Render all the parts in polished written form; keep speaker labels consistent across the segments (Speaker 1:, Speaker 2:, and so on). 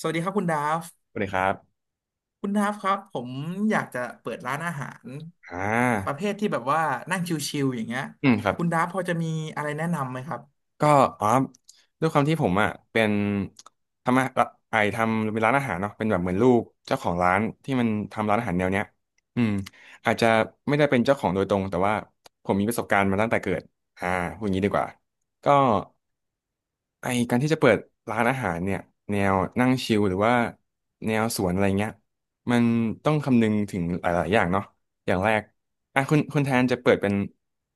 Speaker 1: สวัสดีครับคุณดาฟ
Speaker 2: สวัสดีครับ
Speaker 1: คุณดาฟครับผมอยากจะเปิดร้านอาหาร
Speaker 2: อ่
Speaker 1: ประเภ
Speaker 2: า
Speaker 1: ทที่แบบว่านั่งชิลๆอย่างเงี้ย
Speaker 2: อืมครับ
Speaker 1: คุณดาฟพอจะมีอะไรแนะนำไหมครับ
Speaker 2: ก็อ๋อด้วยความที่ผมอ่ะเป็นทำอะไอทำเป็นร้านอาหารเนาะเป็นแบบเหมือนลูกเจ้าของร้านที่มันทำร้านอาหารแนวเนี้ยอืมอาจจะไม่ได้เป็นเจ้าของโดยตรงแต่ว่าผมมีประสบการณ์มาตั้งแต่เกิดอ่าพูดอย่างนี้ดีกว่าก็ไอการที่จะเปิดร้านอาหารเนี่ยแนวนั่งชิลหรือว่าแนวสวนอะไรเงี้ยมันต้องคำนึงถึงหลายๆอย่างเนาะอย่างแรกอ่ะคุณแทนจะเปิดเป็น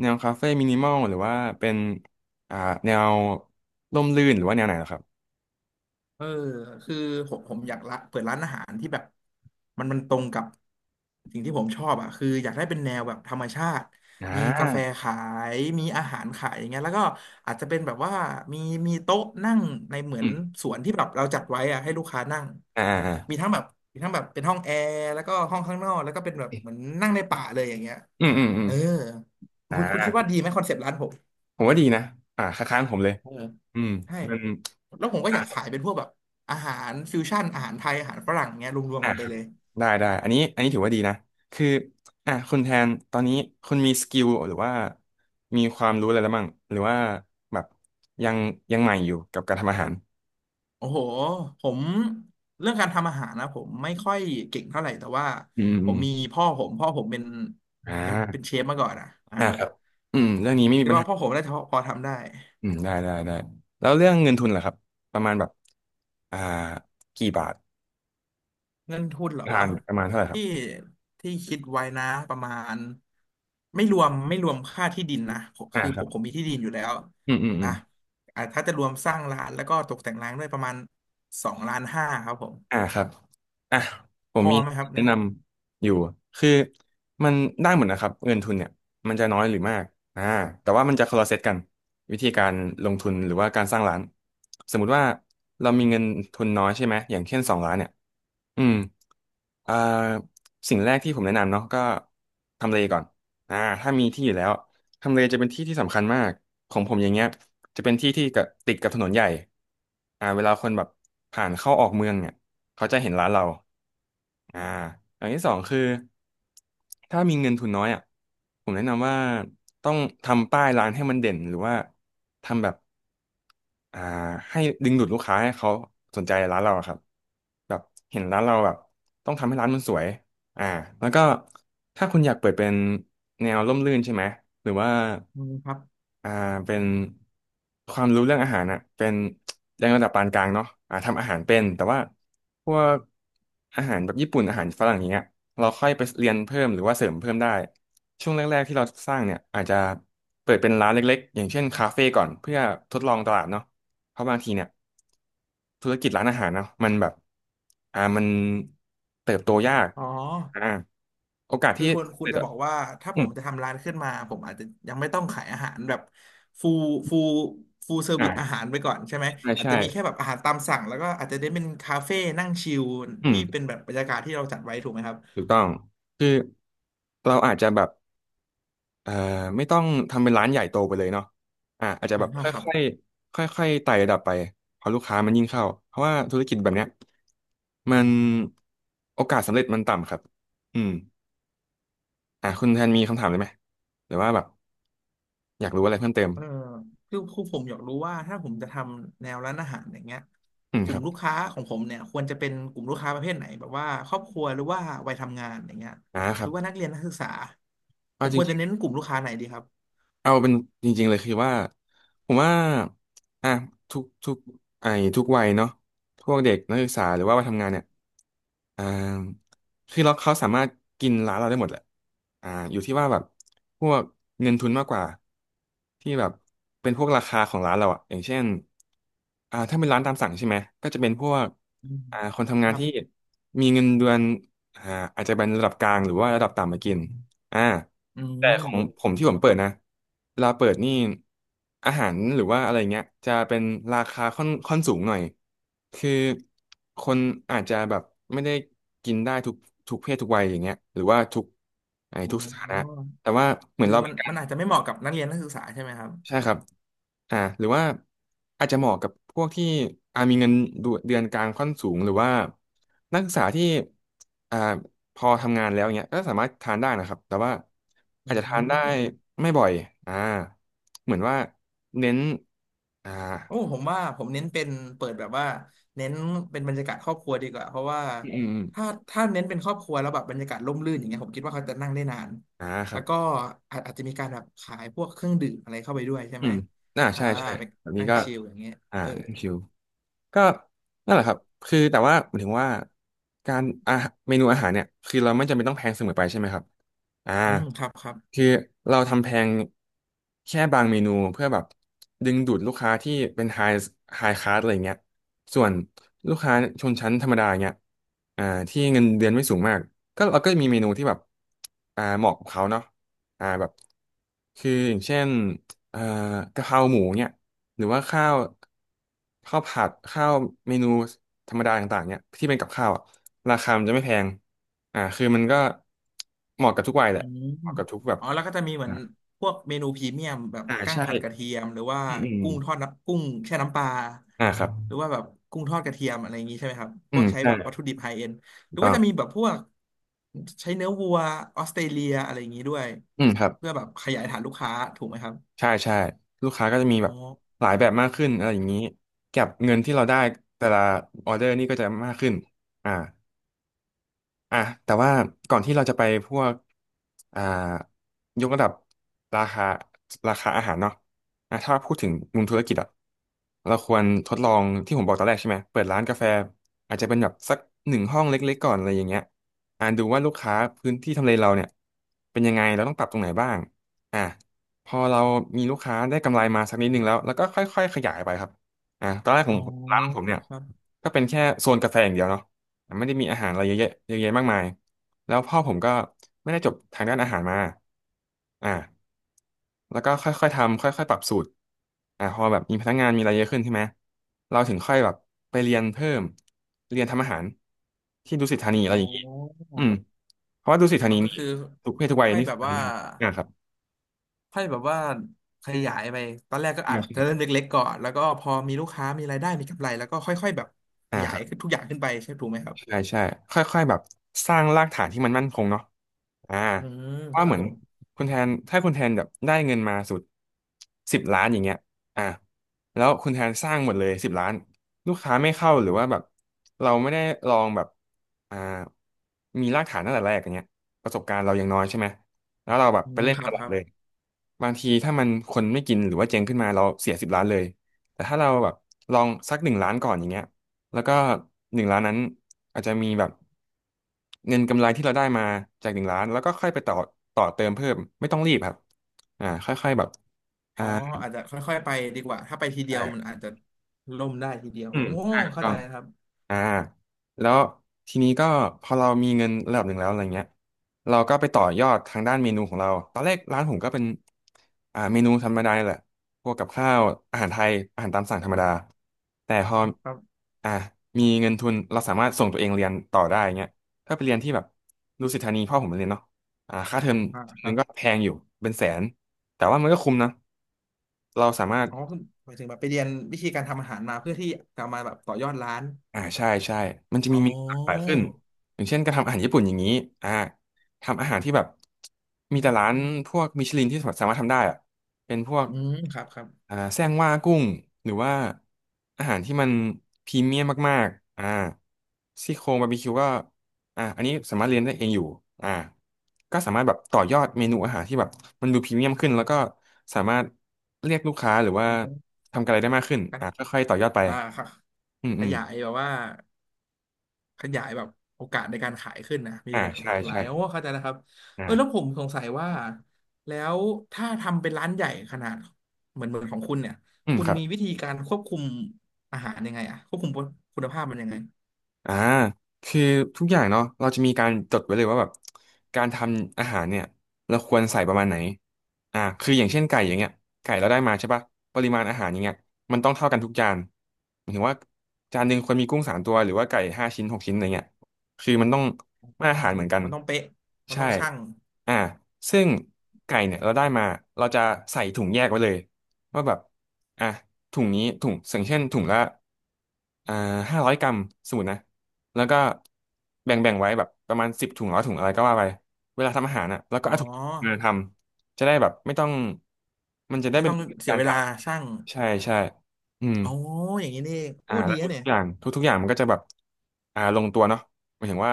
Speaker 2: แนวคาเฟ่มินิมอลหรือว่าเป็น อ่าแนวร่มรื่นหรือว่าแนวไหนเหรอครับ
Speaker 1: เออคือผมอยากละเปิดร้านอาหารที่แบบมันตรงกับสิ่งที่ผมชอบอ่ะคืออยากได้เป็นแนวแบบธรรมชาติ
Speaker 2: อ่
Speaker 1: มีกาแฟ
Speaker 2: า
Speaker 1: ขายมีอาหารขายอย่างเงี้ยแล้วก็อาจจะเป็นแบบว่ามีมีโต๊ะนั่งในเหมือ
Speaker 2: อื
Speaker 1: น
Speaker 2: ม
Speaker 1: สวนที่แบบเราจัดไว้อ่ะให้ลูกค้านั่ง
Speaker 2: อ่าอ่า
Speaker 1: มีทั้งแบบมีทั้งแบบเป็นห้องแอร์แล้วก็ห้องข้างนอกแล้วก็เป็นแบบเหมือนนั่งในป่าเลยอย่างเงี้ย
Speaker 2: อืมอืมอืม
Speaker 1: เออ
Speaker 2: อ่
Speaker 1: คุณคิดว่า
Speaker 2: า
Speaker 1: ดีไหมคอนเซปต์ร้านผม
Speaker 2: ผมว่าดีนะอ่าคล้ายๆผมเลย
Speaker 1: เออ
Speaker 2: อืม
Speaker 1: ใช่
Speaker 2: มัน
Speaker 1: แล้วผมก็
Speaker 2: อ่า
Speaker 1: อยากขายเป็นพวกแบบอาหารฟิวชั่นอาหารไทยอาหารฝรั่งเงี้ยรวม
Speaker 2: อ่า
Speaker 1: ๆกัน
Speaker 2: ค
Speaker 1: ไป
Speaker 2: รับ
Speaker 1: เลย
Speaker 2: ได้ได้อันนี้ถือว่าดีนะคืออ่าคุณแทนตอนนี้คุณมีสกิลหรือว่ามีความรู้อะไรแล้วบ้างหรือว่าแบบยังยังใหม่อยู่กับการทำอาหาร
Speaker 1: โอ้โหผมเรื่องการทำอาหารนะผมไม่ค่อยเก่งเท่าไหร่แต่ว่า
Speaker 2: อืม
Speaker 1: ผ
Speaker 2: อื
Speaker 1: ม
Speaker 2: มอ
Speaker 1: มี
Speaker 2: ม
Speaker 1: พ่อผม
Speaker 2: อ่
Speaker 1: เป็นเช
Speaker 2: า
Speaker 1: ฟมาก่อนอ่ะอ่า
Speaker 2: อ่าครับอืมเรื่องนี้ไม่มี
Speaker 1: คิด
Speaker 2: ปัญ
Speaker 1: ว่า
Speaker 2: หา
Speaker 1: พ่อผมน่าจะพอทำได้
Speaker 2: อืมได้ได้ได้แล้วเรื่องเงินทุนล่ะครับประมาณแบบอ่ากี่บาท
Speaker 1: เงินทุนเหร
Speaker 2: ประ
Speaker 1: อ
Speaker 2: มาณประมาณเท่าไหร่ครับ
Speaker 1: ที่ที่คิดไว้นะประมาณไม่รวมค่าที่ดินนะผม
Speaker 2: อ่า
Speaker 1: คือ
Speaker 2: ค
Speaker 1: ผ
Speaker 2: รับ
Speaker 1: มผมมีที่ดินอยู่แล้ว
Speaker 2: อืมอืมอื
Speaker 1: อ่ะ
Speaker 2: ม
Speaker 1: อ่ะถ้าจะรวมสร้างร้านแล้วก็ตกแต่งร้านด้วยประมาณ2.5 ล้านครับผม
Speaker 2: อ่าครับอ่ะผ
Speaker 1: พ
Speaker 2: ม
Speaker 1: อ
Speaker 2: มี
Speaker 1: ไหมครับ
Speaker 2: แนะ
Speaker 1: เนี่ย
Speaker 2: นำอยู่คือมันได้หมดนะครับเงินทุนเนี่ยมันจะน้อยหรือมากอ่าแต่ว่ามันจะคนละเซตกันวิธีการลงทุนหรือว่าการสร้างร้านสมมุติว่าเรามีเงินทุนน้อยใช่ไหมอย่างเช่นสองล้านเนี่ยอืมอ่าสิ่งแรกที่ผมแนะนำเนาะก็ทำเลก่อนอ่าถ้ามีที่อยู่แล้วทำเลจะเป็นที่ที่สำคัญมากของผมอย่างเงี้ย จะเป็นที่ที่กับติดกับถนนใหญ่เวลาคนแบบผ่านเข้าออกเมืองเนี่ยเขาจะเห็นร้านเราอ่าอย่างที่สองคือถ้ามีเงินทุนน้อยอ่ะผมแนะนำว่าต้องทำป้ายร้านให้มันเด่นหรือว่าทำแบบ อ่าให้ดึงดูดลูกค้าให้เขาสนใจร้านเราอะครับแบบเห็นร้านเราแบบต้องทำให้ร้านมันสวยอ่าแล้วก็ถ้าคุณอยากเปิดเป็นแนวร่มรื่นใช่ไหมหรือว่า
Speaker 1: อืมครับ
Speaker 2: อ่าเป็นความรู้เรื่องอาหารอ่ะเป็นแรงระดับปานกลางเนาะอ่าทำอาหารเป็นแต่ว่าพวกอาหารแบบญี่ปุ่นอาหารฝรั่งอย่างเงี้ยเราค่อยไปเรียนเพิ่มหรือว่าเสริมเพิ่มได้ช่วงแรกๆที่เราสร้างเนี่ยอาจจะเปิดเป็นร้านเล็กๆอย่างเช่นคาเฟ่ก่อนเพื่อทดลองตลาดเนาะ เพราะบางทีเนี่ยธุรกิจร้านอาหารเนาะมันแบบมันเติบโตยาก
Speaker 1: อ๋อ
Speaker 2: อ่าโอกาส
Speaker 1: คือ
Speaker 2: ที่
Speaker 1: คุณคุ
Speaker 2: เติ
Speaker 1: ณ
Speaker 2: บโต
Speaker 1: จะบอกว่าถ้า
Speaker 2: อื
Speaker 1: ผ
Speaker 2: ม
Speaker 1: มจะทำร้านขึ้นมาผมอาจจะยังไม่ต้องขายอาหารแบบฟูลฟูลฟูลเซอร์วิสอาหา
Speaker 2: อ่า
Speaker 1: รไปก่อนใช่ไหม
Speaker 2: ใช่
Speaker 1: อาจ
Speaker 2: ใช่
Speaker 1: จะมีแค่แบบอาหารตามสั่งแล้วก็อาจจะได้เป็นคาเฟ่นั่งชิล
Speaker 2: อืม
Speaker 1: ที่เป็นแบบบรรยากาศที่เราจัดไว้ถูกไหมครับ
Speaker 2: ถูกต้องคือเราอาจจะแบบเอ่อไม่ต้องทำเป็นร้านใหญ่โตไปเลยเนาะอ่าอาจจะ
Speaker 1: อ่า
Speaker 2: แบบ
Speaker 1: ครับ
Speaker 2: ค่อยๆค่อยๆไต่ระดับไปพอลูกค้ามันยิ่งเข้าเพราะว่าธุรกิจแบบเนี้ยมันโอกาสสำเร็จมันต่ำครับอืมคุณแทนมีคำถามเลยไหมหรือว่าแบบอยากรู้อะไรเพิ่มเติม
Speaker 1: เออคือผมอยากรู้ว่าถ้าผมจะทำแนวร้านอาหารอย่างเงี้ย
Speaker 2: อืม
Speaker 1: ก
Speaker 2: ค
Speaker 1: ลุ่ม
Speaker 2: รับ
Speaker 1: ลูกค้าของผมเนี่ยควรจะเป็นกลุ่มลูกค้าประเภทไหนแบบว่าครอบครัวหรือว่าวัยทำงานอย่างเงี้ย
Speaker 2: อ่าค
Speaker 1: ห
Speaker 2: รั
Speaker 1: รื
Speaker 2: บ
Speaker 1: อว่านักเรียนนักศึกษาผ
Speaker 2: ว่า
Speaker 1: มควรจะเน้นกลุ่มลูกค้าไหนดีครับ
Speaker 2: ๆเอาเป็นจริงๆเลยคือว่า ผมว่าอ่ะทุกทุกไอ้ทุกวัยเนาะพวกเด็กนักศึกษาหรือว่าวัยทำงานเนี่ยอ่าคือเขาสามารถกินร้านเราได้หมดแหละอยู่ที่ว่าแบบพวกเงินทุนมากกว่าที่แบบเป็นพวกราคาของร้านเราอะอย่างเช่นถ้าเป็นร้านตามสั่งใช่ไหม ก็จะเป็นพวก
Speaker 1: อืม
Speaker 2: คนทำ
Speaker 1: ค
Speaker 2: งาน
Speaker 1: รับ
Speaker 2: ที่มีเงินเดือนอ่าอาจจะเป็นระดับกลางหรือว่าระดับต่ำมากินอ่า
Speaker 1: อื
Speaker 2: แต่
Speaker 1: ม
Speaker 2: ของผมที่
Speaker 1: ค
Speaker 2: ผ
Speaker 1: รั
Speaker 2: มเปิด
Speaker 1: บ
Speaker 2: นะเวลาเปิดนี่อาหารหรือว่าอะไรเงี้ยจะเป็นราคาค่อนสูงหน่อยคือคนอาจจะแบบไม่ได้กินได้ทุกเพศทุกวัยอย่างเงี้ยหรือว่าทุกไอ้
Speaker 1: อ๋
Speaker 2: ทุกสถานะ
Speaker 1: อ
Speaker 2: แต่ว่าเหมือ
Speaker 1: คื
Speaker 2: น
Speaker 1: อ
Speaker 2: เรา
Speaker 1: มันอาจจะไม่เหมาะกับนักเรียนนักศึกษาใช่ไหมครับ
Speaker 2: ใช่ครับหรือว่าอาจจะเหมาะกับพวกที่มีเงินเดือนเดือนกลางค่อนสูงหรือว่านักศึกษาที่อ่าพอทำงานแล้วเนี้ยก็สามารถทานได้นะครับ แต่ว่า
Speaker 1: อื
Speaker 2: อาจจะทานได้
Speaker 1: ม
Speaker 2: ไม่บ่อยอ่าเหมือนว่าเน้น อ่า
Speaker 1: โอ้ผมว่าผมเน้นเป็นเปิดแบบว่าเน้นเป็นบรรยากาศครอบครัวดีกว่าเพราะว่า
Speaker 2: อืมอืมอ
Speaker 1: ถ้า
Speaker 2: ม
Speaker 1: ถ้าเน้นเป็นครอบครัวแล้วแบบบรรยากาศร่มรื่นอย่างเงี้ยผมคิดว่าเขาจะนั่งได้นาน
Speaker 2: อ่าครั
Speaker 1: แล้ว
Speaker 2: บ
Speaker 1: ก็อาจจะมีการแบบขายพวกเครื่องดื่มอะไรเข้าไปด้วยใช่
Speaker 2: อื
Speaker 1: ไหม
Speaker 2: มอ่า
Speaker 1: อ่า
Speaker 2: ใช่ใช่
Speaker 1: ไป
Speaker 2: แบบนี้
Speaker 1: นั่ง
Speaker 2: ก็
Speaker 1: ชิลอย่างเงี้ย
Speaker 2: อ่า
Speaker 1: เออ
Speaker 2: นั่นคิว ก็นั่นแหละครับ คือแต่ว่าหมายถึงว่าการอาหารเมนูอาหารเนี่ยคือเราไม่จำเป็นต้องแพงเสมอไปใช่ไหมครับอ่า
Speaker 1: อืมครับครับ
Speaker 2: คือเราทำแพงแค่บางเมนูเพื่อแบบดึงดูดลูกค้าที่เป็นไฮคลาสอะไรเงี้ยส่วนลูกค้าชนชั้นธรรมดาเงี้ยอ่าที่เงินเดือนไม่สูงมากก็เราก็มีเมนูที่แบบเหมาะกับเขาเนาะแบบคืออย่างเช่น เอ่อกะเพราหมูเนี่ยหรือว่าข้าวผัดข้าวเมนูธรรมดาต่างๆเนี่ยที่เป็นกับข้าวอะราคามันจะไม่แพงคือมันก็เหมาะกับทุกวัยแห
Speaker 1: อื
Speaker 2: ละ
Speaker 1: ม
Speaker 2: เหมาะกับทุกแบบ
Speaker 1: อ๋อแล้วก็จะมีเหมือ
Speaker 2: อ่า
Speaker 1: นพวกเมนูพรีเมียมแบบ
Speaker 2: อ่า
Speaker 1: กั้ง
Speaker 2: ใช่
Speaker 1: ผัดกระเทียมหรือว่า
Speaker 2: อืมอืม
Speaker 1: กุ้งทอดน้ำกุ้งแช่น้ำปลา
Speaker 2: ครับ
Speaker 1: หรือว่าแบบกุ้งทอดกระเทียมอะไรอย่างนี้ใช่ไหมครับพ
Speaker 2: อื
Speaker 1: วก
Speaker 2: ม
Speaker 1: ใช้
Speaker 2: ใช่
Speaker 1: แบบวัตถุดิบไฮเอ็นห
Speaker 2: ถูก
Speaker 1: รือ
Speaker 2: ต้
Speaker 1: ว่า
Speaker 2: อง
Speaker 1: จะมีแบบพวกใช้เนื้อวัวออสเตรเลียอะไรอย่างนี้ด้วย
Speaker 2: อืมครับ
Speaker 1: เพื่อแบบขยายฐานลูกค้าถูกไหมครับ
Speaker 2: ใช่ใช่ลูกค้าก็จะมี
Speaker 1: อ๋อ
Speaker 2: แบบหลายแบบมากขึ้นอะไรอย่างนี้กับเงินที่เราได้แต่ละออเดอร์นี่ก็จะมากขึ้นอ่า อ่ะแต่ว่าก่อนที่เราจะไปพวกอ่ายกระดับราคาราคาอาหารเนาะอ่ะถ้าพูดถึงมุมธุรกิจอะเราควรทดลองที่ผมบอกตอนแรกใช่ไหมเปิดร้านกาแฟอาจจะเป็นแบบสักหนึ่งห้องเล็กๆก่อนอะไรอย่างเงี้ยดูว่าลูกค้าพื้นที่ทำเลเราเนี่ยเป็นยังไงเราต้องปรับตรงไหนบ้างอ่ะพอเรามีลูกค้าได้กำไรมาสักนิดนึงแล้วแล้วก็ค่อยๆขยายไปครับอ่ะตอนแรกผ
Speaker 1: อ๋
Speaker 2: ม
Speaker 1: อ
Speaker 2: ร้านของผมเนี่ย
Speaker 1: ครับ
Speaker 2: ก็เป็นแค่โซนกาแฟอย่างเดียวเนาะ ไม่ได้มีอาหารอะไรเยอะแยะมากมายแล้วพ่อผมก็ไม่ได้จบทางด้านอาหารมาอ่าแล้วก็ค่อยๆทำค่อยๆปรับสูตรพอแบบมีพนักงานมีอะไรเยอะขึ้นใช่ไหมเราถึงค่อยแบบไปเรียนเพิ่มเรียนทำอาหารที่ดุสิตธานีอะ
Speaker 1: อ๋
Speaker 2: ไรอย่างงี้
Speaker 1: อ
Speaker 2: อืมเพราะว่าดุสิตธา
Speaker 1: อ๋อ
Speaker 2: นี
Speaker 1: ก็
Speaker 2: นี่
Speaker 1: คือ
Speaker 2: ทุกเพศทุกวัย
Speaker 1: ค่อย
Speaker 2: นี่
Speaker 1: แบ
Speaker 2: สา
Speaker 1: บ
Speaker 2: มาร
Speaker 1: ว่า
Speaker 2: ถได้อ่าครับ
Speaker 1: ค่อยแบบว่าขยายไปตอนแรกก็อาจ
Speaker 2: อ่าค
Speaker 1: จะเริ่ม
Speaker 2: รับ
Speaker 1: เล็กๆก่อนแล้วก็พอมีลูกค้ามีรายได้มีกำไรแล้วก็ค่อยๆแบบข
Speaker 2: อ่า
Speaker 1: ยา
Speaker 2: ค
Speaker 1: ย
Speaker 2: รั
Speaker 1: ขึ้น
Speaker 2: บ
Speaker 1: ทุกอย่างขึ้นไปใช่ถูกไหมครับ
Speaker 2: ใช่ใช่ค่อยๆแบบสร้างรากฐานที่มันมั่นคงเนาะอ่า
Speaker 1: อืม
Speaker 2: เพราะ
Speaker 1: ค
Speaker 2: ว่า
Speaker 1: รั
Speaker 2: เห
Speaker 1: บ
Speaker 2: มือน
Speaker 1: ผม
Speaker 2: คุณแทนถ้าคุณแทนแบบได้เงินมาสุดสิบล้านอย่างเงี้ยอ่าแล้วคุณแทนสร้างหมดเลยสิบล้านลูกค้าไม่เข้าหรือว่าแบบเราไม่ได้ลองแบบอ่ามีรากฐานตั้งแต่แรกอย่างเงี้ยประสบการณ์เรายังน้อยใช่ไหมแล้วเราแบบ
Speaker 1: อื
Speaker 2: ไป
Speaker 1: ม
Speaker 2: เล่น
Speaker 1: ค
Speaker 2: ต
Speaker 1: รับ
Speaker 2: ลา
Speaker 1: ค
Speaker 2: ด
Speaker 1: รับ
Speaker 2: เลยบางทีถ้ามันคนไม่กินหรือว่าเจ๊งขึ้นมาเราเสียสิบล้านเลยแต่ถ้าเราแบบลองสักหนึ่งล้านก่อนอย่างเงี้ย แล้วก็1 ล้านนั้นอาจจะมีแบบเงินกำไรที่เราได้มาจากหนึ่งล้านแล้วก็ค่อยไปต่อเติมเพิ่มไม่ต้องรีบครับค่อยๆแบบอ่า
Speaker 1: อ๋ออาจจะค่อยๆไปดีกว่าถ้าไปทีเดียวมัน
Speaker 2: ใช่
Speaker 1: อาจจะล่มได้ทีเดียว
Speaker 2: อื
Speaker 1: โอ้
Speaker 2: มใช่ถูก
Speaker 1: เข้า
Speaker 2: ต้อ
Speaker 1: ใจ
Speaker 2: ง
Speaker 1: ครับ
Speaker 2: อ่าแล้วทีนี้ก็พอเรามีเงินระดับหนึ่งแล้วอะไรเงี้ยเราก็ไปต่อยอดทางด้านเมนูของเราตอนแรกร้านผมก็เป็นเมนูธรรมดานี่แหละพวกกับข้าวอาหารไทยอาหารตามสั่งธรรมดาแต่พอ
Speaker 1: ครับ
Speaker 2: อ่ามีเงินทุนเราสามารถส่งตัวเองเรียนต่อได้เงี้ยถ้าไปเรียนที่แบบดุสิตธานีพ่อผมเรียนเนาะค่าเทอม
Speaker 1: อ่า
Speaker 2: เทอม
Speaker 1: ค
Speaker 2: นึ
Speaker 1: รั
Speaker 2: ง
Speaker 1: บ
Speaker 2: ก็แพงอยู่เป็นแสนแต่ว่ามันก็คุ้มนะเราสามารถ
Speaker 1: อ๋อคือหมายถึงแบบไปเรียนวิธีการทำอาหารมาเพื่อที่จะมาแบบต่อยอดร้าน
Speaker 2: อ่าใช่ใช่ มันจะมี
Speaker 1: อ๋อ
Speaker 2: เมนูหลากหลายขึ้นอย่างเช่นการทำอาหารญี่ปุ่นอย่างนี้อ่าทำอาหารที่แบบมีแต่ร้านพวกมิชลินที่สามารถทำได้อะเป็นพวก
Speaker 1: อืมครับครับ
Speaker 2: แซงว่ากุ้ง หรือว่าอาหารที่มันพรีเมียมมากๆอ่าซี่โครงบาร์บีคิวก็อันนี้สามารถเรียนได้เองอยู่อ่าก็สามารถแบบต่อยอดเมนูอาหารที่แบบมันดูพรีเมียมขึ้นแล้วก็สามารถเรียกลูกค้าหรือว่า
Speaker 1: อ๋อ
Speaker 2: ทำอะไรได้มากขึ้นค่อยๆต่อยอดไป
Speaker 1: อ่าครับ
Speaker 2: อืม
Speaker 1: ข
Speaker 2: อืม
Speaker 1: ยายแบบว่า ขยายแบบโอกาสในการขายขึ้นนะมี
Speaker 2: อ่า
Speaker 1: ห
Speaker 2: ใช่
Speaker 1: ลากหลาย
Speaker 2: ใช่
Speaker 1: โอ้เข้าใจแล้วครับเอ
Speaker 2: อ่า
Speaker 1: อแล้วผมสงสัยว่าแล้วถ้าทำเป็นร้านใหญ่ขนาดเหมือนของคุณเนี่ย
Speaker 2: อืม
Speaker 1: คุณ
Speaker 2: ครับ
Speaker 1: มีวิธีการควบคุมอาหารยังไงอะควบคุมคุณภาพมันยังไง
Speaker 2: อ่าคือทุกอย่างเนาะเราจะมีการจดไว้เลยว่าแบบการทำอาหารเนี่ยเราควรใส่ประมาณไหนคืออย่างเช่นไก่อย่างเงี้ยไก่เราได้มาใช่ปะปริมาณอาหารอย่างเงี้ยมันต้องเท่ากันทุกจานหมายถึงว่าจานหนึ่งควรมีกุ้ง3 ตัวหรือว่าไก่5 ชิ้น6 ชิ้นอะไรเงี้ยคือมันต้องมาตรฐานเหมือนกัน
Speaker 1: มันต้องเป๊ะมัน
Speaker 2: ใช่
Speaker 1: ต้องชั่ง
Speaker 2: อ่าซึ่งไก่เนี่ยเราได้มาเราจะใส่ถุงแยกไว้เลยว่าแบบอ่ะถุงนี้ถุงอย่างเช่นถุงละอ่า500 กรัมสมมตินะ แล้วก็แบ่งไว้แบบประมาณ10 ถุง100 ถุงอะไรก็ว่าไป เวลาทำอาหารอ่ะแล้วก็
Speaker 1: อ๋อ
Speaker 2: เอาถุงมาทำจะได้แบบไม่ต้องมันจะได้
Speaker 1: ไม่
Speaker 2: เป็น
Speaker 1: ต้องเสีย
Speaker 2: การ
Speaker 1: เว
Speaker 2: กะ
Speaker 1: ลาชั่ง
Speaker 2: ใช่ใช่อืม
Speaker 1: อ๋ออย่างนี้นี่เองโอ้ดี
Speaker 2: แล้ว
Speaker 1: นะ
Speaker 2: ทุ
Speaker 1: เนี่
Speaker 2: ก
Speaker 1: ย
Speaker 2: ๆอย่างทุกๆอย่างมันก็จะแบบลงตัวเนาะหมายถึงว่า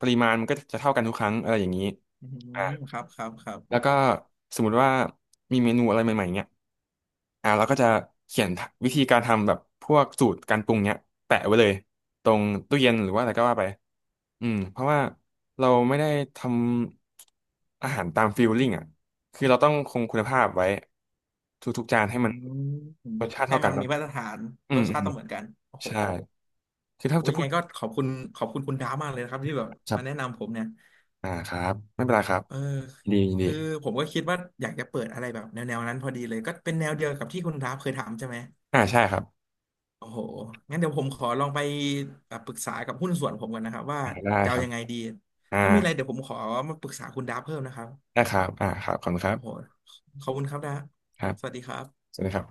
Speaker 2: ปริมาณมันก็จะเท่ากันทุกครั้งอะไรอย่างนี้
Speaker 1: อื
Speaker 2: อ่า
Speaker 1: มครับครับครับ
Speaker 2: แล้วก็สมมุติว่ามีเมนูอะไรใหม่ๆเนี่ยเราก็จะเขียนวิธีการทำแบบพวกสูตรการปรุงเนี่ยแปะไว้เลยตรงตู้เย็นหรือว่าอะไรก็ว่าไปอืมเพราะว่าเราไม่ได้ทำอาหารตามฟีลลิ่งอ่ะคือเราต้องคงคุณภาพไว้ทุกๆจาน
Speaker 1: อื
Speaker 2: ให้มัน
Speaker 1: ม
Speaker 2: รสชาติ
Speaker 1: ให้
Speaker 2: เท่ากั
Speaker 1: มั
Speaker 2: น
Speaker 1: น
Speaker 2: นะ
Speaker 1: มีมาตรฐาน
Speaker 2: อื
Speaker 1: ร
Speaker 2: ม
Speaker 1: ส
Speaker 2: อื
Speaker 1: ชา
Speaker 2: ม
Speaker 1: ติต้องเหมือนกันโอ้โห
Speaker 2: ใช่ คือถ้า
Speaker 1: โอ้ย
Speaker 2: จะ
Speaker 1: ยั
Speaker 2: พู
Speaker 1: งไง
Speaker 2: ด
Speaker 1: ก็ขอบคุณคุณดาวมากเลยนะครับที่แบบ
Speaker 2: ครั
Speaker 1: มาแนะ
Speaker 2: บ
Speaker 1: นำผมเนี่ย
Speaker 2: ครับไม่เป็นไรครับ
Speaker 1: เออ
Speaker 2: ยินดียินดี
Speaker 1: คือผมก็คิดว่าอยากจะเปิดอะไรแบบแนวนั้นพอดีเลยก็เป็นแนวเดียวกับที่คุณดาวเคยถามใช่ไหม
Speaker 2: ใช่ครับ
Speaker 1: โอ้โหงั้นเดี๋ยวผมขอลองไปปรึกษากับหุ้นส่วนผมก่อนนะครับว่า
Speaker 2: ได้
Speaker 1: จะ
Speaker 2: ค
Speaker 1: เอา
Speaker 2: รับ
Speaker 1: ยังไงดี
Speaker 2: อ่า
Speaker 1: ถ้ามีอะไรเดี๋ยวผมขอมาปรึกษาคุณดาวเพิ่มนะครับ
Speaker 2: ได้ครับครับขอบคุณครั
Speaker 1: โอ้โห
Speaker 2: บ
Speaker 1: ขอบคุณครับดาว
Speaker 2: ครับ
Speaker 1: สวัสดีครับ
Speaker 2: ใช่ไหมครับ